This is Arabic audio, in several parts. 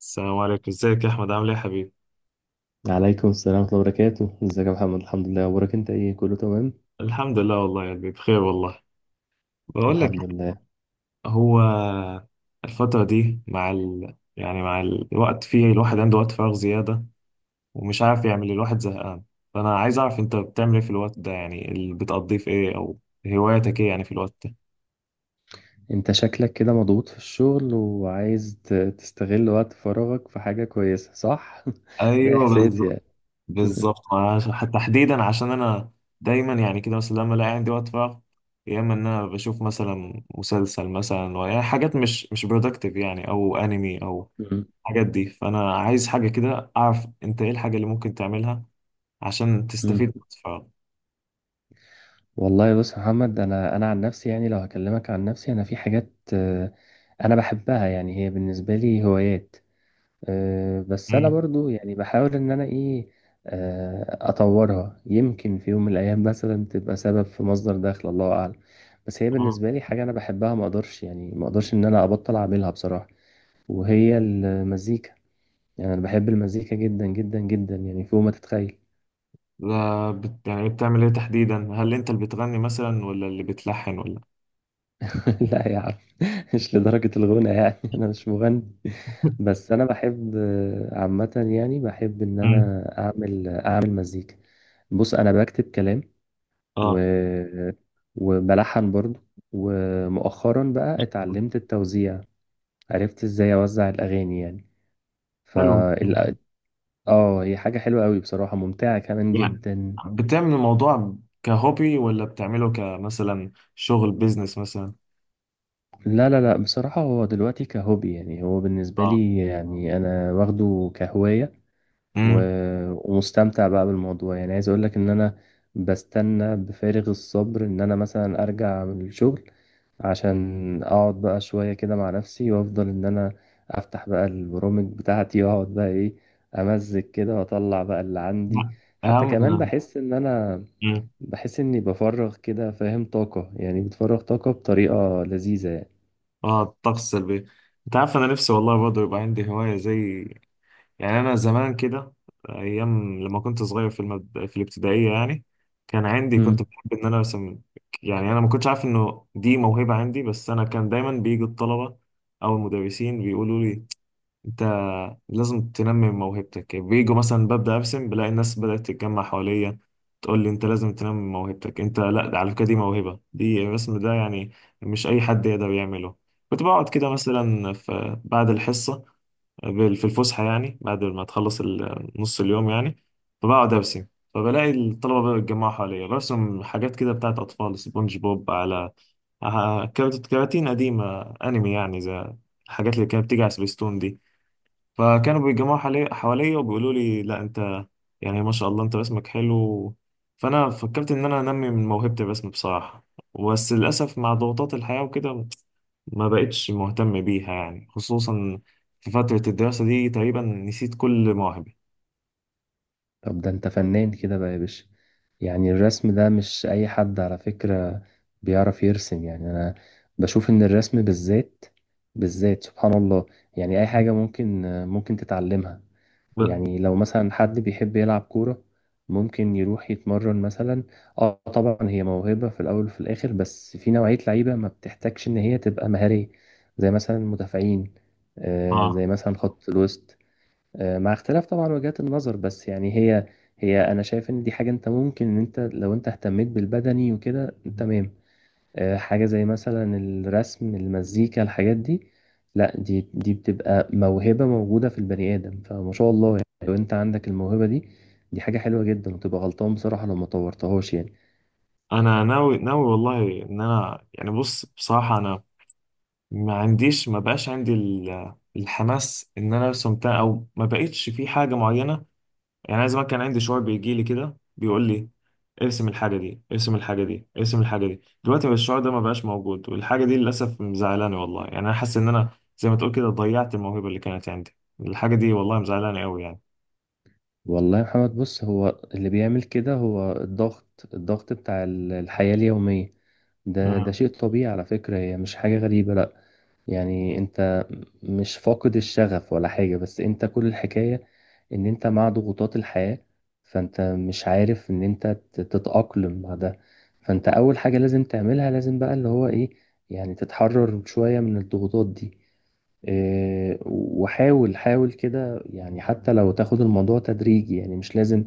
السلام عليكم، ازيك يا احمد؟ عامل ايه يا حبيبي؟ عليكم السلام ورحمة الله وبركاته، ازيك يا محمد؟ الحمد لله. اخبارك انت ايه؟ كله تمام؟ الحمد لله والله، يعني بخير والله. بقول لك، الحمد لله. هو الفترة دي مع ال... يعني مع الوقت فيه الواحد عنده وقت فراغ زيادة ومش عارف يعمل، الواحد زهقان. فانا عايز اعرف انت بتعمل ايه في الوقت ده، يعني اللي بتقضيه في ايه، او هواياتك ايه يعني في الوقت ده. انت شكلك كده مضغوط في الشغل، وعايز تستغل وقت فراغك في حاجة كويسة، صح؟ ده ايوه احساسي بالظبط. يعني. بالظبط، حتى تحديدا عشان انا دايما يعني كده، مثلا لما الاقي عندي وقت فراغ، يا اما ان انا بشوف مثلا مسلسل مثلا، يعني حاجات مش برودكتيف يعني، او انمي او مم. الحاجات دي. فانا عايز حاجه كده، اعرف انت ايه الحاجه اللي ممكن تعملها عشان مم. تستفيد من الفراغ. والله بص يا محمد، انا عن نفسي، يعني لو هكلمك عن نفسي انا في حاجات، انا بحبها، يعني هي بالنسبة لي هوايات. بس انا مم. برضو يعني بحاول ان انا ايه، اطورها. يمكن في يوم من الايام مثلا تبقى سبب في مصدر دخل، الله اعلم. بس هي اه. بالنسبه لي حاجه انا بحبها، ما اقدرش، يعني ما اقدرش ان انا ابطل اعملها بصراحه. وهي المزيكا. يعني انا بحب المزيكا جدا جدا جدا، يعني فوق ما تتخيل. لا بت... يعني بتعمل ايه تحديدا؟ هل انت اللي بتغني مثلا ولا اللي بتلحن ولا؟ لا يا عم، مش لدرجه الغنى يعني. انا مش مغني، بس انا بحب، عامه، يعني بحب ان مم. انا اعمل مزيكا. بص انا بكتب كلام، و... اه. وبلحن برضو، ومؤخرا بقى اتعلمت التوزيع. عرفت ازاي اوزع الاغاني يعني. ف حلو. ال- اه، هي حاجة حلوة قوي بصراحة، ممتعة كمان يعني جدا. بتعمل الموضوع كهوبي ولا بتعمله كمثلا شغل بيزنس مثلا؟ لا، لا، لا، بصراحة هو دلوقتي كهوبي، يعني هو بالنسبة اه. لي، يعني انا واخده كهواية. امم. ومستمتع بقى بالموضوع، يعني عايز اقول لك ان انا بستنى بفارغ الصبر ان انا مثلا ارجع من الشغل، عشان اقعد بقى شوية كده مع نفسي، وافضل ان انا افتح بقى البرامج بتاعتي، واقعد بقى ايه، امزج كده واطلع بقى اللي عندي. لا. حتى كمان اهم. بحس ان انا، مم. بحس اني بفرغ كده، فاهم، طاقة، يعني بتفرغ طاقة بطريقة لذيذة يعني. اه الطقس السلبي. انت عارف انا نفسي والله برضه يبقى عندي هوايه زي، يعني أنا زمان كده، أيام لما كنت صغير في في الابتدائية يعني، كان عندي، كنت مم. بحب إن أنا أرسم. يعني أنا ما كنتش عارف إنه دي موهبة عندي، بس أنا كان دايما بيجي الطلبة أو المدرسين بيقولوا لي أنت لازم تنمي من موهبتك. بيجوا مثلا ببدأ أرسم، بلاقي الناس بدأت تتجمع حواليا، تقول لي أنت لازم تنمي من موهبتك، أنت لا، ده على فكرة دي موهبة، دي الرسم ده يعني مش أي حد يقدر يعمله. كنت بقعد كده مثلا في بعد الحصة في الفسحة، يعني بعد ما تخلص نص اليوم يعني، فبقعد أرسم، فبلاقي الطلبة بقى بيتجمعوا حواليا، برسم حاجات كده بتاعت أطفال سبونج بوب، على كراتين قديمة، أنمي يعني زي الحاجات اللي كانت بتيجي على سبيستون دي. فكانوا بيتجمعوا حواليا وبيقولوا لي لا أنت، يعني ما شاء الله أنت رسمك حلو. فأنا فكرت إن أنا أنمي من موهبة الرسم بصراحة، بس للأسف مع ضغوطات الحياة وكده ما بقتش مهتم بيها، يعني خصوصا في فترة الدراسة دي تقريبا نسيت كل مواهبي. طب ده انت فنان كده بقى يا باشا. يعني الرسم ده مش أي حد على فكرة بيعرف يرسم يعني. أنا بشوف إن الرسم بالذات، بالذات سبحان الله، يعني أي حاجة ممكن تتعلمها. ب- يعني لو مثلا حد بيحب يلعب كورة، ممكن يروح يتمرن مثلا. اه طبعا هي موهبة في الأول وفي الآخر، بس في نوعية لعيبة ما بتحتاجش إن هي تبقى مهارية، زي مثلا المدافعين، اه. زي مثلا خط الوسط. مع اختلاف طبعا وجهات النظر، بس يعني هي انا شايف ان دي حاجه انت ممكن ان انت لو انت اهتميت بالبدني وكده تمام. حاجه زي مثلا الرسم، المزيكا، الحاجات دي، لا دي بتبقى موهبه موجوده في البني ادم، فما شاء الله، يعني لو انت عندك الموهبه دي، دي حاجه حلوه جدا، وتبقى غلطان بصراحه لو ما طورتهاش يعني. انا ناوي ناوي والله ان انا يعني، بص بصراحة انا ما عنديش، ما بقاش عندي الحماس ان انا ارسم، او ما بقتش في حاجة معينة. يعني أنا زمان كان عندي شعور بيجي لي كده بيقول لي ارسم الحاجة دي، ارسم الحاجة دي، ارسم الحاجة دي. دلوقتي الشعور ده ما بقاش موجود، والحاجة دي للأسف مزعلاني والله، يعني أنا حاسس إن أنا زي ما تقول كده ضيعت الموهبة اللي كانت عندي. الحاجة دي والله مزعلاني أوي يعني. والله يا محمد، بص هو اللي بيعمل كده هو الضغط، الضغط بتاع الحياه اليوميه. ده آه. شيء طبيعي على فكره، هي مش حاجه غريبه، لا. يعني انت مش فاقد الشغف ولا حاجة، بس انت كل الحكاية ان انت مع ضغوطات الحياة، فانت مش عارف ان انت تتأقلم مع ده. فانت اول حاجة لازم تعملها، لازم بقى اللي هو ايه، يعني تتحرر شوية من الضغوطات دي. وحاول حاول كده، يعني حتى لو تاخد الموضوع تدريجي، يعني مش لازم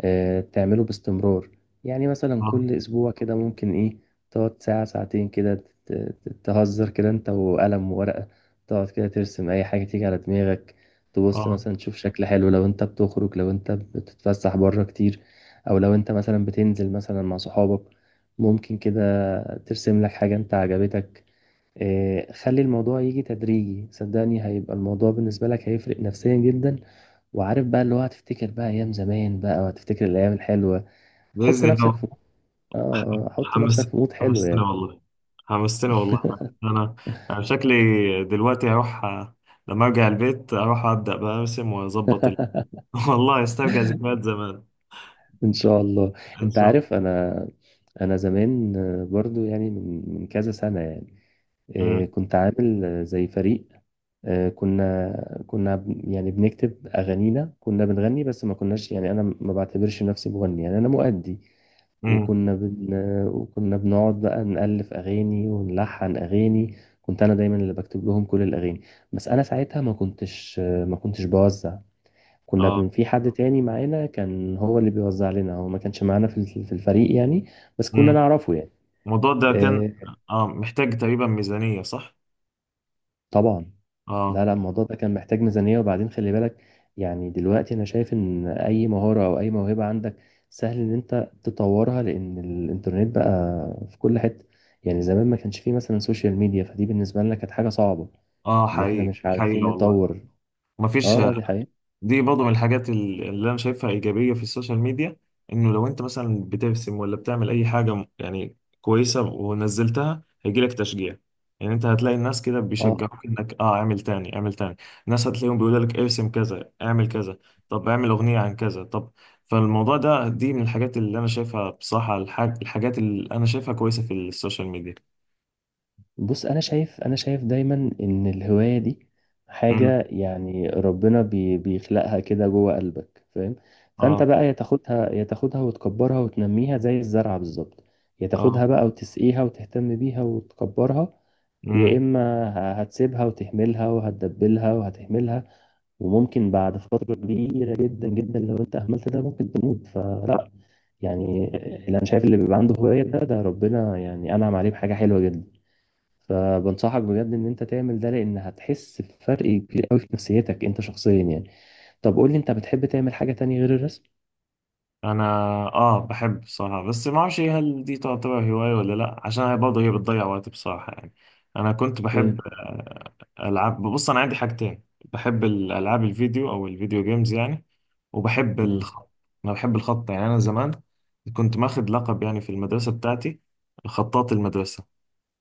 تعمله باستمرار. يعني مثلا آه. كل أسبوع كده ممكن إيه، تقعد ساعة ساعتين كده، تهزر كده أنت وقلم وورقة، تقعد كده ترسم أي حاجة تيجي على دماغك، تبص آه. مثلا تشوف شكل حلو، لو أنت بتخرج، لو أنت بتتفسح بره كتير، أو لو أنت مثلا بتنزل مثلا مع صحابك، ممكن كده ترسم لك حاجة أنت عجبتك. خلي الموضوع يجي تدريجي، صدقني هيبقى الموضوع بالنسبة لك هيفرق نفسيا جدا، وعارف بقى اللي هو، هتفتكر بقى أيام زمان بقى، وهتفتكر الأيام الحلوة. حط بإذن نفسك الله. في ح- حط حمس نفسك في مود حلو حمستني يعني. والله. حمستني والله. أنا، أنا شكلي دلوقتي هروح لما أرجع البيت أروح أبدأ بقى أرسم وأظبط والله أسترجع ذكريات زمان. إن شاء الله. إن أنت شاء الله. عارف، أنا زمان، برضو يعني من كذا سنة يعني، مم. كنت عامل، زي فريق، كنا يعني بنكتب أغانينا، كنا بنغني بس ما كناش، يعني أنا ما بعتبرش نفسي مغني، يعني أنا مؤدي. مم. وكنا بن... وكنا بنقعد بقى نألف أغاني ونلحن أغاني. كنت أنا دايما اللي بكتب لهم كل الأغاني. بس أنا ساعتها ما كنتش بوزع. اه. في حد تاني معانا كان هو اللي بيوزع لنا، هو ما كانش معانا في في الفريق يعني، بس كنا مم. نعرفه يعني. الموضوع ده كان، آه، اه، محتاج تقريبا ميزانية، صح؟ طبعا. اه. لا لا، الموضوع ده كان محتاج ميزانية، وبعدين خلي بالك، يعني دلوقتي أنا شايف إن أي مهارة أو أي موهبة عندك سهل إن أنت تطورها، لأن الإنترنت بقى في كل حتة. يعني زمان ما كانش فيه مثلا سوشيال ميديا، فدي بالنسبة لنا كانت حاجة صعبة اه إن إحنا حقيقي، مش حقيقة عارفين والله. نطور. مفيش. دي حقيقة. دي برضه من الحاجات اللي انا شايفها ايجابيه في السوشيال ميديا، انه لو انت مثلا بترسم ولا بتعمل اي حاجه يعني كويسه ونزلتها هيجيلك تشجيع. يعني انت هتلاقي الناس كده آه بيشجعوك انك، اه، اعمل تاني، اعمل تاني. الناس هتلاقيهم بيقولوا لك ارسم كذا، اعمل كذا، طب اعمل اغنيه عن كذا، طب. فالموضوع ده، دي من الحاجات اللي انا شايفها بصراحه، الحاجات اللي انا شايفها كويسه في السوشيال ميديا. بص، انا شايف دايما ان الهوايه دي امم. حاجه، يعني ربنا بيخلقها كده جوه قلبك، فاهم. فانت اه. بقى يا تاخدها وتكبرها وتنميها زي الزرعه بالظبط، يا اه. تاخدها بقى وتسقيها وتهتم بيها وتكبرها، يا امم. اما هتسيبها وتهملها وهتدبلها وهتهملها. وممكن بعد فتره كبيره جدا جدا، لو انت اهملت ده ممكن تموت، فلا يعني. اللي انا شايف اللي بيبقى عنده هوايه ده ربنا يعني انعم عليه بحاجه حلوه جدا، فبنصحك بجد ان انت تعمل ده، لان هتحس بفرق كبير قوي في نفسيتك انت شخصيا يعني. طب قول لي، انت بتحب تعمل حاجة تانية غير الرسم؟ انا اه بحب بصراحه، بس ما اعرفش هل دي تعتبر هوايه ولا لا، عشان هي برضه، بتضيع وقت بصراحه يعني. انا كنت ايه. بحب العاب. بص انا عندي حاجتين، بحب الالعاب الفيديو او الفيديو جيمز يعني، وبحب امم. الخط. انا بحب الخط، يعني انا زمان كنت ماخد لقب يعني في المدرسه بتاعتي، خطاط المدرسه.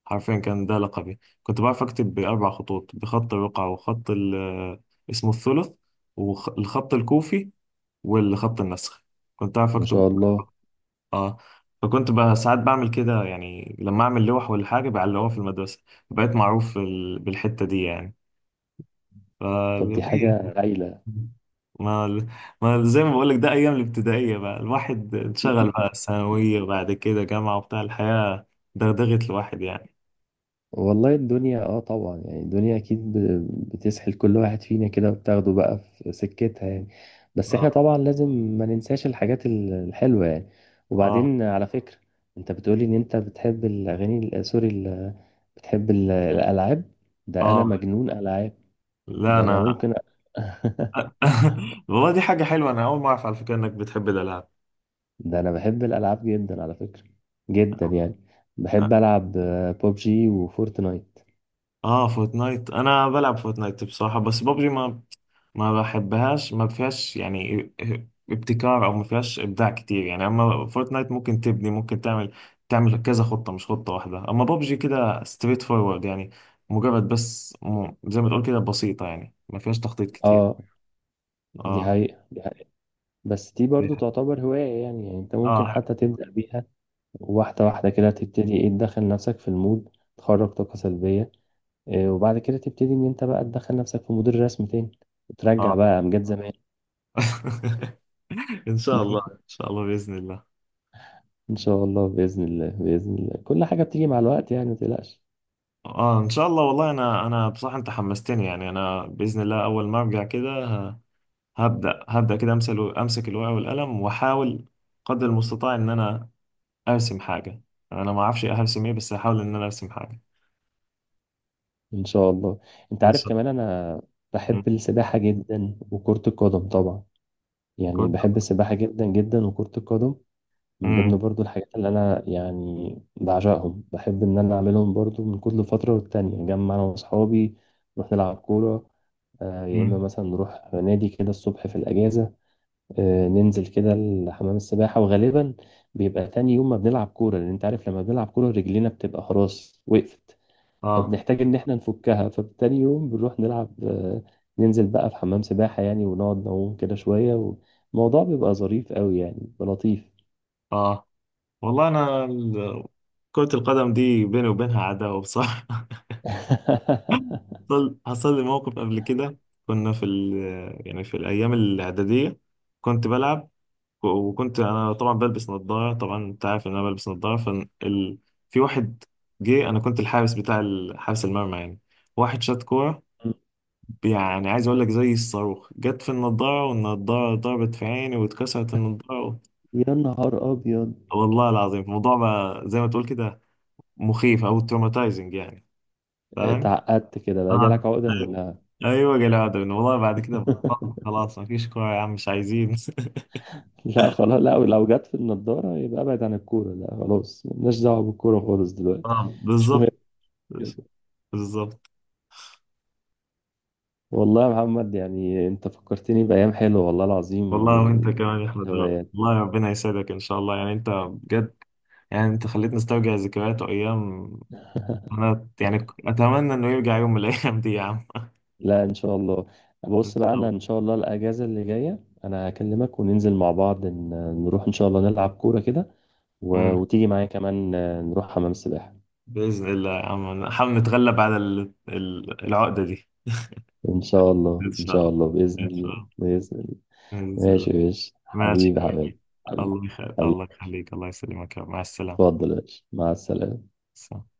حرفيا كان ده لقبي، كنت بعرف اكتب باربع خطوط، بخط الرقعه وخط اسمه الثلث، والخط الكوفي، والخط النسخ. كنت أعرف ما أكتب. شاء الله، اه. فكنت بقى ساعات بعمل كده، يعني لما اعمل لوح ولا حاجه بعلقها في المدرسه، بقيت معروف بالحته دي يعني. ف... طب دي طبيعي. حاجة هايلة. ما ما زي ما بقولك ده ايام الابتدائيه، بقى الواحد اتشغل بقى ثانويه بعد كده جامعه وبتاع، الحياه دغدغت الواحد يعني. والله الدنيا، طبعا، يعني الدنيا اكيد بتسحل كل واحد فينا كده، وبتاخده بقى في سكتها يعني. بس احنا اه. طبعا لازم ما ننساش الحاجات الحلوة يعني. اه. وبعدين على فكرة، انت بتقولي ان انت بتحب الاغاني سوري بتحب الالعاب، ده انا اه. مجنون العاب. لا ده انا انا. ممكن والله دي حاجه حلوه، انا اول ما اعرف على فكره انك بتحب الالعاب. ده انا بحب الالعاب جدا على فكرة، جدا يعني. بحب اه. العب ببجي وفورتنايت. آه، فورتنايت، انا بلعب فورتنايت بصراحه، بس بابجي ما، ما بحبهاش، ما فيهاش يعني ابتكار، او ما فيهاش ابداع كتير يعني. اما فورتنايت ممكن تبني، ممكن تعمل، كذا خطه، مش خطه واحده. اما بابجي كده ستريت فورورد يعني، مجرد بس زي ما تقول كده بسيطه، يعني ما فيهاش تخطيط كتير. اه دي اه. حقيقة، دي حقيقة. بس دي دي برضو ح- تعتبر هواية يعني انت ممكن اه. حتى تبدأ بيها واحدة واحدة كده، تبتدي ايه، تدخل نفسك في المود، تخرج طاقة سلبية، إيه وبعد كده تبتدي ان انت بقى تدخل نفسك في مود الرسم تاني، وترجع اه. بقى امجاد زمان. ان شاء الله، ان شاء الله، باذن الله. ان شاء الله، بإذن الله بإذن الله، كل حاجة بتيجي مع الوقت، يعني ما تقلقش. اه ان شاء الله والله. انا بصراحه انت حمستني. يعني انا باذن الله اول ما ارجع كده هبدأ كده، امسك الورقة والقلم واحاول قدر المستطاع ان انا ارسم حاجة. انا ما اعرفش هرسم ايه، بس هحاول ان انا ارسم حاجة. ان شاء الله. انت ان عارف شاء كمان، انا الله. مم. بحب السباحه جدا وكره القدم طبعا. يعني كرة. بحب السباحه جدا جدا وكره القدم، من ضمن امم. برضو الحاجات اللي انا يعني بعشقهم، بحب ان انا اعملهم. برضو من كل فتره والتانيه نجمع انا واصحابي نروح نلعب كوره، يا اما امم. مثلا نروح نادي كده الصبح في الاجازه، ننزل كده لحمام السباحه. وغالبا بيبقى تاني يوم ما بنلعب كوره، لان انت عارف لما بنلعب كوره رجلينا بتبقى خلاص وقفت، اه. فبنحتاج ان احنا نفكها. فبتاني يوم بنروح نلعب، ننزل بقى في حمام سباحة يعني، ونقعد نعوم كده شوية، والموضوع بيبقى ظريف قوي، يعني بيبقى لطيف. اه. والله انا كرة القدم دي بيني وبينها عداوة بصراحة. حصل لي موقف قبل كده، كنا في يعني في الايام الاعدادية، كنت بلعب، وكنت انا طبعا بلبس نظاره. طبعا انت عارف ان انا بلبس نظاره، في واحد جه، انا كنت الحارس بتاع حارس المرمى يعني، واحد شاط كوره، يعني عايز اقول لك زي الصاروخ، جت في النظاره والنظاره ضربت في عيني واتكسرت النظاره. يا نهار ابيض، والله العظيم الموضوع بقى زي ما تقول كده مخيف او تروماتايزنج يعني، فاهم. اتعقدت كده بقى، جالك اه. عقدة من؟ لا؟ ايوه جالي عقدة منه. والله بعد كده بطلت، خلاص مفيش كوره يا عم، مش عايزين. لا خلاص، لا لو جت في النضارة يبقى ابعد عن الكورة، لا خلاص مالناش دعوة بالكورة خالص دلوقتي. اه مش مهم بالظبط. كده. بالظبط. والله يا محمد، يعني انت فكرتني بأيام حلوة والله العظيم، والله وانت كمان يا والموضوع احمد، الهوايات. والله ربنا يسعدك ان شاء الله، يعني انت بجد يعني انت خليتني استرجع ذكريات وايام. انا يعني اتمنى انه يرجع يوم من الايام دي يا عم. لا ان شاء الله، ان بص شاء بقى انا، الله. ان شاء الله الاجازه اللي جايه انا هكلمك وننزل مع بعض نروح ان شاء الله نلعب كوره كده، امم. وتيجي معايا كمان، نروح حمام السباحه. باذن الله يا عم، نحاول نتغلب على العقده دي. ان شاء الله ان ان شاء شاء الله، الله، باذن ان شاء الله. الله، باذن الله. باذن الله. ماشي يا باشا، ماشي حبيبي يا حبيبي. حبيبي. حبيبي الله يخليك، الله حبيبي. يخليك، الله يسلمك يا رب. مع السلامه. اتفضل يا باشا، مع السلامه. سلام.